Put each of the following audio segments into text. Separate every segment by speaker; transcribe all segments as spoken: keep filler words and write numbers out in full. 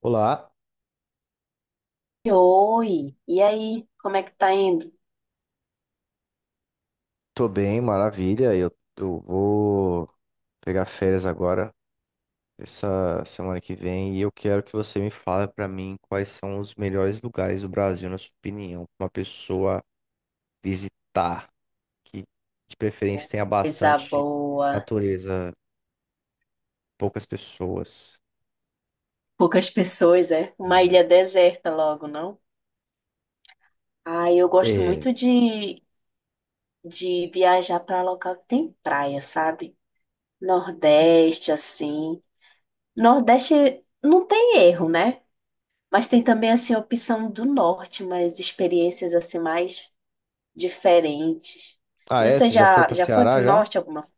Speaker 1: Olá,
Speaker 2: Oi, e aí, como é que tá indo?
Speaker 1: tô bem, maravilha. Eu, eu vou pegar férias agora, essa semana que vem, e eu quero que você me fale pra mim quais são os melhores lugares do Brasil, na sua opinião, pra uma pessoa visitar, que de preferência tenha
Speaker 2: Coisa
Speaker 1: bastante
Speaker 2: boa.
Speaker 1: natureza, poucas pessoas.
Speaker 2: Poucas pessoas, é? Uma
Speaker 1: É.
Speaker 2: ilha deserta logo, não? Ah, eu gosto
Speaker 1: É.
Speaker 2: muito de, de viajar para local que tem praia, sabe? Nordeste, assim. Nordeste não tem erro, né? Mas tem também, assim, a opção do norte, mas experiências, assim, mais diferentes.
Speaker 1: Ah,
Speaker 2: E
Speaker 1: é?
Speaker 2: Você
Speaker 1: Você já foi
Speaker 2: já,
Speaker 1: pra
Speaker 2: já foi
Speaker 1: Ceará
Speaker 2: pro
Speaker 1: já?
Speaker 2: norte alguma.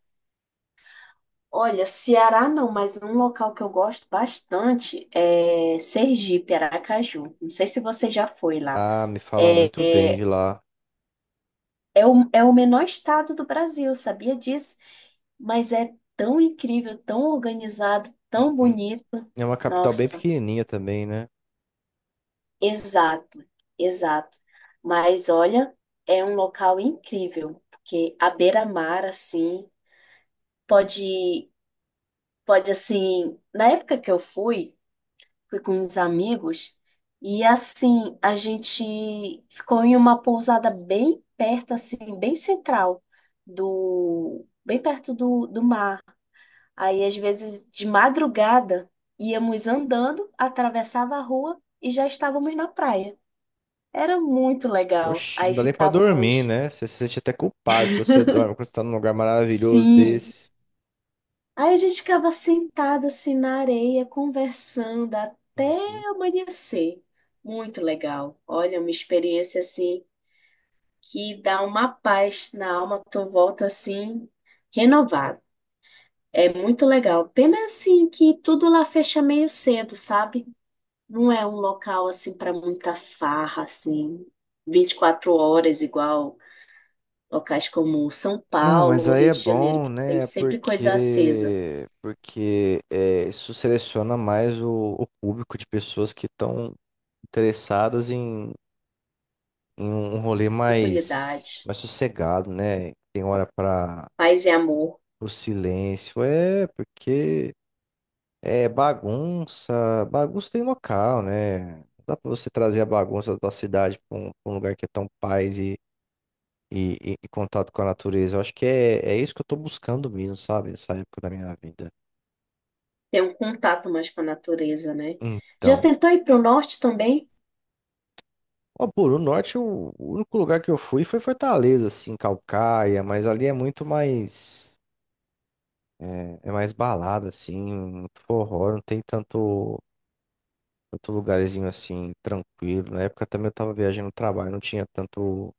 Speaker 2: Olha, Ceará não, mas um local que eu gosto bastante é Sergipe, Aracaju. Não sei se você já foi lá.
Speaker 1: Ah, me falam muito
Speaker 2: É,
Speaker 1: bem de
Speaker 2: é,
Speaker 1: lá.
Speaker 2: é o, é o menor estado do Brasil, sabia disso? Mas é tão incrível, tão organizado, tão
Speaker 1: Uhum.
Speaker 2: bonito.
Speaker 1: É uma capital bem
Speaker 2: Nossa,
Speaker 1: pequenininha também, né?
Speaker 2: exato, exato. Mas olha, é um local incrível, porque a beira-mar, assim, pode, pode assim. Na época que eu fui fui com os amigos e assim a gente ficou em uma pousada bem perto, assim, bem central do, bem perto do, do mar. Aí às vezes de madrugada íamos andando, atravessava a rua e já estávamos na praia. Era muito legal.
Speaker 1: Oxe, não
Speaker 2: Aí
Speaker 1: dá nem pra dormir,
Speaker 2: ficávamos,
Speaker 1: né? Você se sente até culpado se você dorme quando você tá num lugar maravilhoso
Speaker 2: sim.
Speaker 1: desses.
Speaker 2: Aí a gente ficava sentado assim na areia, conversando até
Speaker 1: Uhum.
Speaker 2: amanhecer. Muito legal. Olha, uma experiência assim que dá uma paz na alma, tu volta assim, renovado. É muito legal. Pena assim que tudo lá fecha meio cedo, sabe? Não é um local assim para muita farra, assim, Vinte e quatro horas, igual locais como São
Speaker 1: Não, mas
Speaker 2: Paulo,
Speaker 1: aí
Speaker 2: Rio
Speaker 1: é
Speaker 2: de Janeiro,
Speaker 1: bom,
Speaker 2: que tem
Speaker 1: né?
Speaker 2: sempre coisa acesa,
Speaker 1: Porque, porque é, isso seleciona mais o, o público de pessoas que estão interessadas em, em um um rolê mais,
Speaker 2: tranquilidade,
Speaker 1: mais sossegado, né? Tem hora para
Speaker 2: paz e amor.
Speaker 1: o silêncio. É, porque É, bagunça. Bagunça tem local, né? Não dá pra você trazer a bagunça da cidade pra um, pra um, lugar que é tão paz e, e, e- e contato com a natureza. Eu acho que é, é isso que eu tô buscando mesmo, sabe? Nessa época da minha vida.
Speaker 2: Tem um contato mais com a natureza, né? Já
Speaker 1: Então.
Speaker 2: tentou ir para o norte também?
Speaker 1: Ó, por o norte, o o único lugar que eu fui foi Fortaleza, assim, Calcaia, mas ali é muito mais. É, é mais balada, assim, muito forró, não tem tanto, tanto lugarzinho assim, tranquilo. Na época também eu tava viajando no trabalho, não tinha tanto.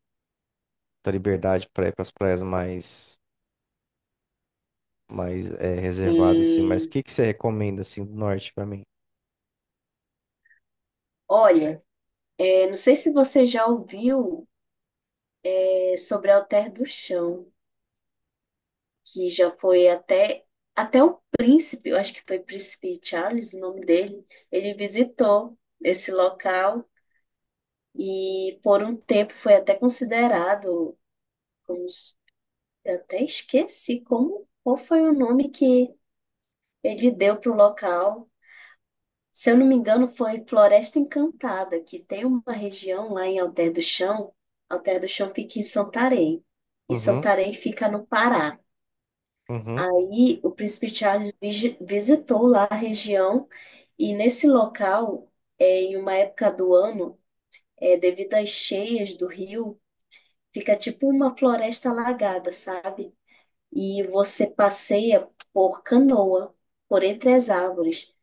Speaker 1: Da liberdade para ir para as praias mais, mais é, reservadas, assim. Mas o
Speaker 2: Sim.
Speaker 1: que que você recomenda, assim, do norte para mim?
Speaker 2: Olha, eu não sei se você já ouviu é sobre o Alter do Chão, que já foi até até o príncipe, eu acho que foi Príncipe Charles, o nome dele, ele visitou esse local e por um tempo foi até considerado como s- eu até esqueci como qual foi o nome que ele deu para o local. Se eu não me engano, foi Floresta Encantada, que tem uma região lá em Alter do Chão. Alter do Chão fica em Santarém, e
Speaker 1: Uhum,
Speaker 2: Santarém fica no Pará.
Speaker 1: uhum.
Speaker 2: Aí o príncipe Charles vigi- visitou lá a região e nesse local, é, em uma época do ano, é, devido às cheias do rio, fica tipo uma floresta alagada, sabe? E você passeia por canoa, por entre as árvores.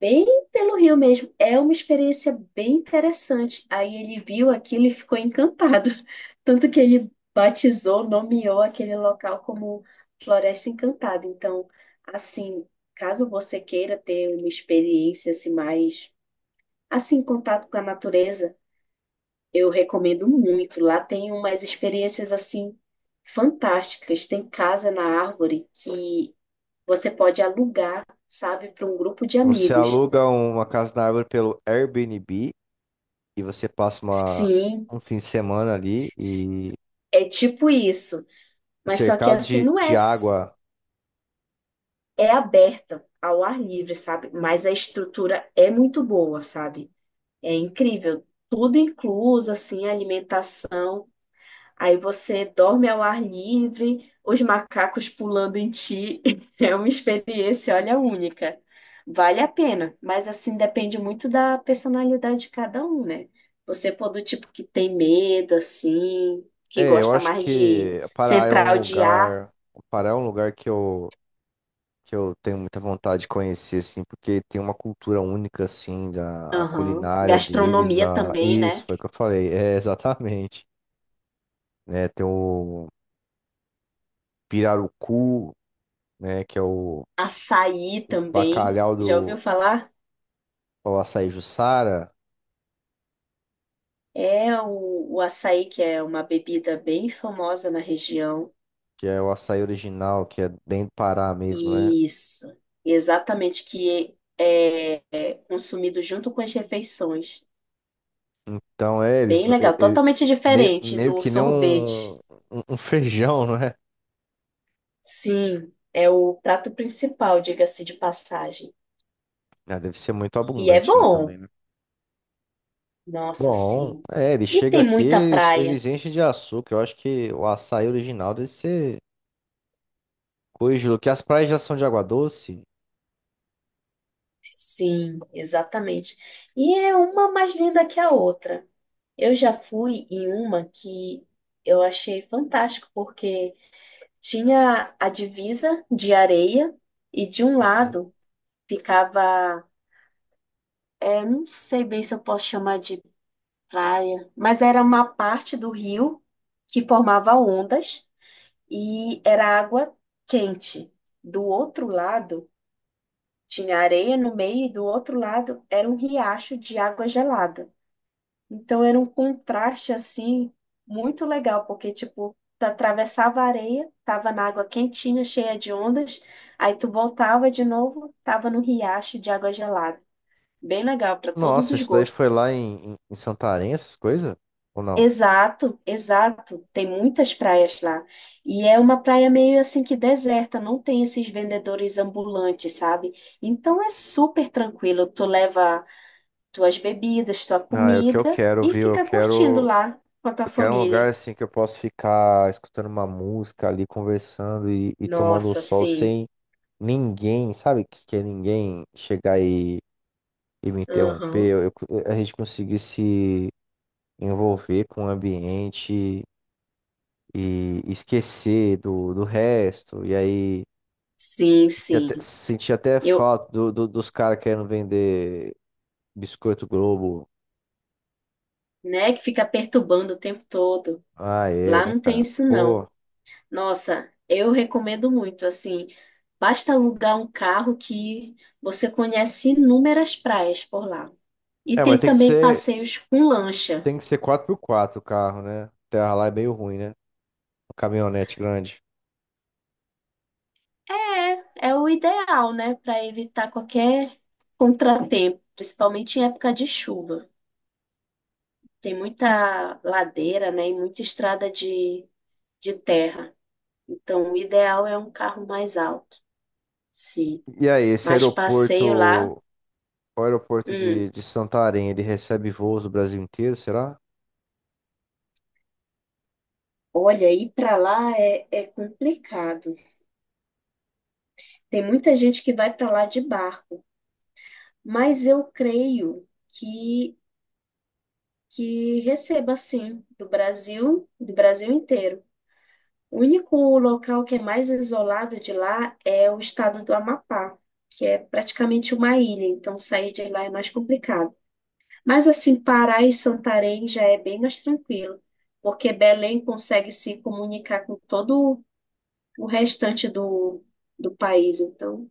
Speaker 2: Bem pelo Rio mesmo. É uma experiência bem interessante. Aí ele viu aquilo e ficou encantado. Tanto que ele batizou, nomeou aquele local como Floresta Encantada. Então, assim, caso você queira ter uma experiência assim mais assim em contato com a natureza, eu recomendo muito. Lá tem umas experiências assim fantásticas. Tem casa na árvore que você pode alugar, sabe, para um grupo de
Speaker 1: Você
Speaker 2: amigos.
Speaker 1: aluga uma casa na árvore pelo Airbnb e você passa uma,
Speaker 2: Sim,
Speaker 1: um fim de semana ali e,
Speaker 2: é tipo isso,
Speaker 1: e
Speaker 2: mas só que
Speaker 1: cercado
Speaker 2: assim
Speaker 1: de,
Speaker 2: não é,
Speaker 1: de
Speaker 2: s-
Speaker 1: água.
Speaker 2: é aberta ao ar livre, sabe? Mas a estrutura é muito boa, sabe? É incrível, tudo incluso, assim, alimentação. Aí você dorme ao ar livre, os macacos pulando em ti. É uma experiência, olha, única. Vale a pena, mas assim depende muito da personalidade de cada um, né? Você for do tipo que tem medo, assim, que
Speaker 1: É, eu
Speaker 2: gosta
Speaker 1: acho
Speaker 2: mais de
Speaker 1: que Pará é
Speaker 2: central
Speaker 1: um
Speaker 2: de ar,
Speaker 1: lugar, Pará é um lugar que eu, que eu tenho muita vontade de conhecer, assim, porque tem uma cultura única, assim, da a
Speaker 2: aham.
Speaker 1: culinária deles,
Speaker 2: Gastronomia
Speaker 1: a...
Speaker 2: também,
Speaker 1: isso,
Speaker 2: né?
Speaker 1: foi o que eu falei, é, exatamente. Né? Tem o pirarucu, né? Que é o,
Speaker 2: Açaí
Speaker 1: o
Speaker 2: também.
Speaker 1: bacalhau
Speaker 2: Já ouviu
Speaker 1: do
Speaker 2: falar?
Speaker 1: o açaí Jussara,
Speaker 2: É o, o açaí, que é uma bebida bem famosa na região.
Speaker 1: que é o açaí original, que é bem do Pará mesmo, né?
Speaker 2: Isso, exatamente, que é, é consumido junto com as refeições.
Speaker 1: Então, é,
Speaker 2: Bem
Speaker 1: eles, e-
Speaker 2: legal,
Speaker 1: e-
Speaker 2: totalmente
Speaker 1: me-
Speaker 2: diferente
Speaker 1: meio
Speaker 2: do
Speaker 1: que nem um,
Speaker 2: sorvete.
Speaker 1: um um feijão, né?
Speaker 2: Sim, é o prato principal, diga-se de passagem.
Speaker 1: Ah, deve ser muito
Speaker 2: E é
Speaker 1: abundante lá também,
Speaker 2: bom,
Speaker 1: né?
Speaker 2: nossa,
Speaker 1: Bom,
Speaker 2: sim.
Speaker 1: é, ele
Speaker 2: E
Speaker 1: chega
Speaker 2: tem
Speaker 1: aqui,
Speaker 2: muita
Speaker 1: eles,
Speaker 2: praia.
Speaker 1: eles enchem de açúcar. Eu acho que o açaí original deve ser coisa de louco, que as praias já são de água doce.
Speaker 2: Sim, exatamente. E é uma mais linda que a outra. Eu já fui em uma que eu achei fantástico, porque tinha a divisa de areia e de um
Speaker 1: Uhum.
Speaker 2: lado ficava, é, não sei bem se eu posso chamar de praia, mas era uma parte do rio que formava ondas e era água quente. Do outro lado tinha areia no meio e do outro lado era um riacho de água gelada. Então era um contraste assim muito legal, porque tipo, tu atravessava a areia, tava na água quentinha, cheia de ondas, aí tu voltava de novo, tava no riacho de água gelada. Bem legal para todos
Speaker 1: Nossa,
Speaker 2: os
Speaker 1: isso daí
Speaker 2: gostos.
Speaker 1: foi lá em, em, em Santarém, essas coisas? Ou não?
Speaker 2: Exato, exato. Tem muitas praias lá. E é uma praia meio assim que deserta, não tem esses vendedores ambulantes, sabe? Então é super tranquilo. Tu leva tuas bebidas, tua
Speaker 1: Ah, é o que eu
Speaker 2: comida
Speaker 1: quero,
Speaker 2: e
Speaker 1: viu? Eu
Speaker 2: fica curtindo
Speaker 1: quero,
Speaker 2: lá com a tua
Speaker 1: eu quero um lugar
Speaker 2: família.
Speaker 1: assim que eu posso ficar escutando uma música ali, conversando e, e tomando o
Speaker 2: Nossa,
Speaker 1: sol
Speaker 2: sim.
Speaker 1: sem ninguém, sabe? Que, que é ninguém chegar e, e me interromper.
Speaker 2: Aham.
Speaker 1: Eu, eu- a gente conseguir se envolver com o ambiente e esquecer do, do resto. E aí,
Speaker 2: Sim,
Speaker 1: senti até,
Speaker 2: sim.
Speaker 1: senti até
Speaker 2: Eu,
Speaker 1: falta do, do- dos caras querendo vender biscoito Globo.
Speaker 2: né, que fica perturbando o tempo todo.
Speaker 1: Ah, é,
Speaker 2: Lá
Speaker 1: né,
Speaker 2: não tem
Speaker 1: cara?
Speaker 2: isso, não.
Speaker 1: Pô.
Speaker 2: Nossa, eu recomendo muito, assim, basta alugar um carro que você conhece inúmeras praias por lá. E
Speaker 1: É, mas
Speaker 2: tem
Speaker 1: tem que
Speaker 2: também
Speaker 1: ser,
Speaker 2: passeios com lancha.
Speaker 1: tem que ser quatro por quatro o carro, né? Terra lá é meio ruim, né? Caminhonete grande.
Speaker 2: É, é o ideal, né, para evitar qualquer contratempo, principalmente em época de chuva. Tem muita ladeira, né, e muita estrada de, de terra. Então, o ideal é um carro mais alto, sim.
Speaker 1: E aí, esse
Speaker 2: Mas
Speaker 1: aeroporto,
Speaker 2: passeio lá,
Speaker 1: o aeroporto
Speaker 2: hum,
Speaker 1: de, de Santarém, ele recebe voos do Brasil inteiro, será?
Speaker 2: olha, ir para lá é, é complicado. Tem muita gente que vai para lá de barco, mas eu creio que que receba sim do Brasil, do Brasil inteiro. O único local que é mais isolado de lá é o estado do Amapá, que é praticamente uma ilha, então sair de lá é mais complicado. Mas assim, Pará e Santarém já é bem mais tranquilo, porque Belém consegue se comunicar com todo o restante do, do país, então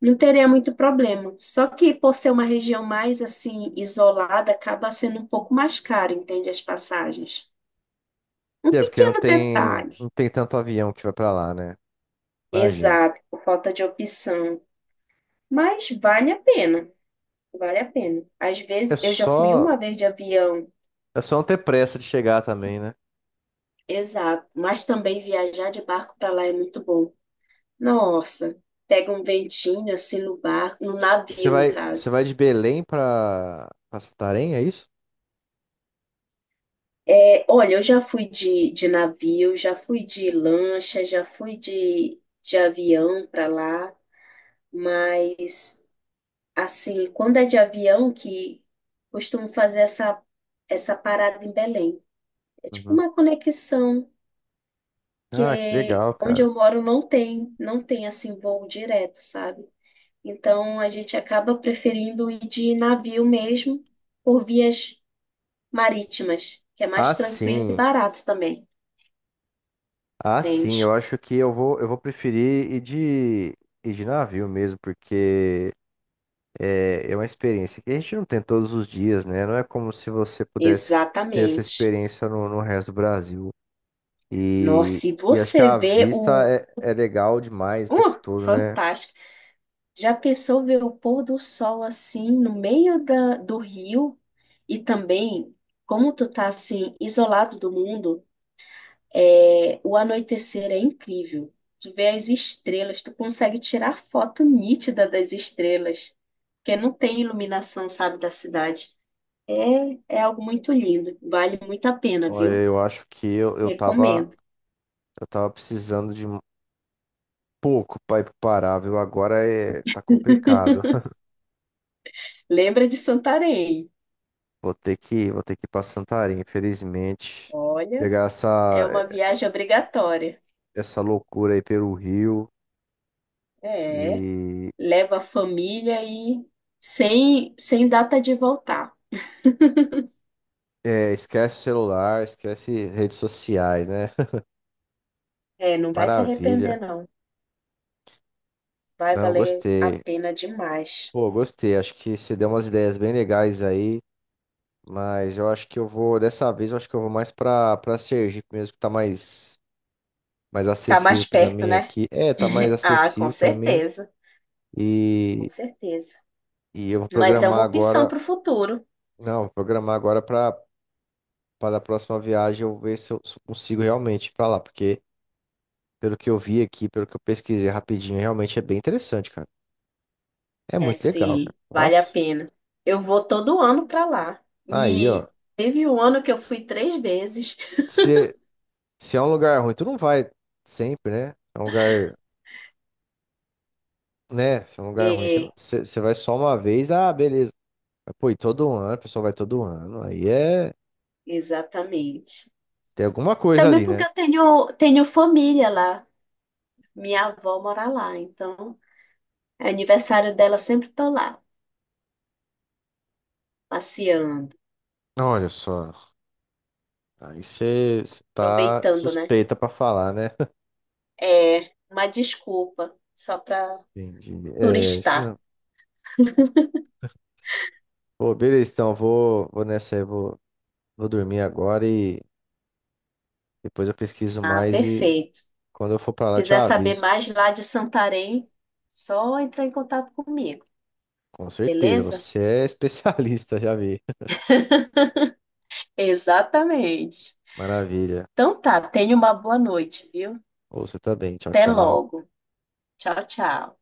Speaker 2: não teria muito problema. Só que por ser uma região mais assim isolada, acaba sendo um pouco mais caro, entende as passagens. Um
Speaker 1: É, porque não
Speaker 2: pequeno
Speaker 1: tem,
Speaker 2: detalhe,
Speaker 1: não tem tanto avião que vai pra lá, né? Imagino.
Speaker 2: exato, por falta de opção, mas vale a pena, vale a pena. Às
Speaker 1: É
Speaker 2: vezes eu já fui
Speaker 1: só,
Speaker 2: uma vez de avião,
Speaker 1: é só não ter pressa de chegar também, né?
Speaker 2: exato, mas também viajar de barco para lá é muito bom. Nossa, pega um ventinho assim no barco, no
Speaker 1: Você
Speaker 2: navio, no
Speaker 1: vai, você
Speaker 2: caso.
Speaker 1: vai de Belém pra, pra, Santarém, é isso?
Speaker 2: É, olha, eu já fui de, de navio, já fui de lancha, já fui de, de avião para lá, mas assim, quando é de avião que costumo fazer essa, essa parada em Belém. É tipo
Speaker 1: Uhum.
Speaker 2: uma conexão,
Speaker 1: Ah, que
Speaker 2: que
Speaker 1: legal,
Speaker 2: onde
Speaker 1: cara.
Speaker 2: eu moro não tem, não tem assim voo direto, sabe? Então a gente acaba preferindo ir de navio mesmo por vias marítimas, que é
Speaker 1: Ah,
Speaker 2: mais tranquilo e
Speaker 1: sim.
Speaker 2: barato também,
Speaker 1: Ah, sim,
Speaker 2: entende?
Speaker 1: eu acho que eu vou, eu vou preferir ir de, ir de navio mesmo, porque é, é uma experiência que a gente não tem todos os dias, né? Não é como se você pudesse ter essa
Speaker 2: Exatamente.
Speaker 1: experiência no, no resto do Brasil. E,
Speaker 2: Nossa, e
Speaker 1: e acho que
Speaker 2: você
Speaker 1: a
Speaker 2: vê
Speaker 1: vista
Speaker 2: o.
Speaker 1: é, é legal demais o tempo
Speaker 2: Uh,
Speaker 1: todo, né?
Speaker 2: fantástico. Já pensou ver o pôr do sol assim no meio da, do rio? E também, como tu tá assim, isolado do mundo, é, o anoitecer é incrível. Tu vê as estrelas, tu consegue tirar foto nítida das estrelas, porque não tem iluminação, sabe, da cidade. É, é algo muito lindo, vale muito a pena,
Speaker 1: Olha,
Speaker 2: viu?
Speaker 1: eu acho que eu, eu tava,
Speaker 2: Recomendo.
Speaker 1: eu tava precisando de um pouco para ir pro Pará, viu? Agora é, tá complicado.
Speaker 2: Lembra de Santarém?
Speaker 1: Vou ter que, vou ter que ir pra Santarém, infelizmente.
Speaker 2: Olha,
Speaker 1: Pegar
Speaker 2: é
Speaker 1: essa.
Speaker 2: uma viagem obrigatória.
Speaker 1: Essa loucura aí pelo Rio.
Speaker 2: É,
Speaker 1: E
Speaker 2: leva a família e sem, sem data de voltar.
Speaker 1: é, esquece o celular, esquece redes sociais, né?
Speaker 2: É, não vai se
Speaker 1: Maravilha.
Speaker 2: arrepender, não. Vai
Speaker 1: Não,
Speaker 2: valer a
Speaker 1: gostei.
Speaker 2: pena demais.
Speaker 1: Pô, gostei. Acho que você deu umas ideias bem legais aí. Mas eu acho que eu vou, dessa vez, eu acho que eu vou mais pra, pra Sergipe mesmo, que tá mais, mais
Speaker 2: Tá mais
Speaker 1: acessível pra
Speaker 2: perto,
Speaker 1: mim
Speaker 2: né?
Speaker 1: aqui. É, tá mais
Speaker 2: Ah, com
Speaker 1: acessível pra mim.
Speaker 2: certeza,
Speaker 1: E,
Speaker 2: com certeza.
Speaker 1: e eu vou
Speaker 2: Mas é uma
Speaker 1: programar
Speaker 2: opção
Speaker 1: agora.
Speaker 2: para o futuro.
Speaker 1: Não, vou programar agora pra, pra da próxima viagem eu ver se eu consigo realmente ir pra lá, porque. Pelo que eu vi aqui, pelo que eu pesquisei rapidinho, realmente é bem interessante, cara. É
Speaker 2: É
Speaker 1: muito legal, cara.
Speaker 2: sim, vale a
Speaker 1: Nossa.
Speaker 2: pena. Eu vou todo ano para lá.
Speaker 1: tá aí, ó.
Speaker 2: E teve um ano que eu fui três vezes.
Speaker 1: Se, se é um lugar ruim, tu não vai sempre, né? É um lugar, né? Se é um lugar ruim, você, não-
Speaker 2: É,
Speaker 1: você- você vai só uma vez, ah, beleza. Mas, pô, e todo ano, a pessoa vai todo ano. Aí é.
Speaker 2: exatamente.
Speaker 1: Tem alguma coisa
Speaker 2: Também
Speaker 1: ali,
Speaker 2: porque
Speaker 1: né?
Speaker 2: eu tenho, tenho família lá. Minha avó mora lá, então é aniversário dela sempre tô lá, passeando,
Speaker 1: Olha só. Aí você você tá
Speaker 2: aproveitando, né?
Speaker 1: suspeita pra falar, né?
Speaker 2: É uma desculpa só para
Speaker 1: Entendi. É, isso
Speaker 2: turistar.
Speaker 1: mesmo. Pô, beleza, então, eu vou, vou nessa aí, vou, vou dormir agora e depois eu pesquiso
Speaker 2: Ah,
Speaker 1: mais e
Speaker 2: perfeito.
Speaker 1: quando eu for pra
Speaker 2: Se
Speaker 1: lá, eu te
Speaker 2: quiser saber
Speaker 1: aviso.
Speaker 2: mais lá de Santarém, só entrar em contato comigo,
Speaker 1: Com certeza,
Speaker 2: beleza?
Speaker 1: você é especialista, já vi.
Speaker 2: Exatamente.
Speaker 1: Maravilha.
Speaker 2: Então tá, tenha uma boa noite, viu?
Speaker 1: Ou você também. Tchau,
Speaker 2: Até
Speaker 1: tchau.
Speaker 2: logo. Tchau, tchau.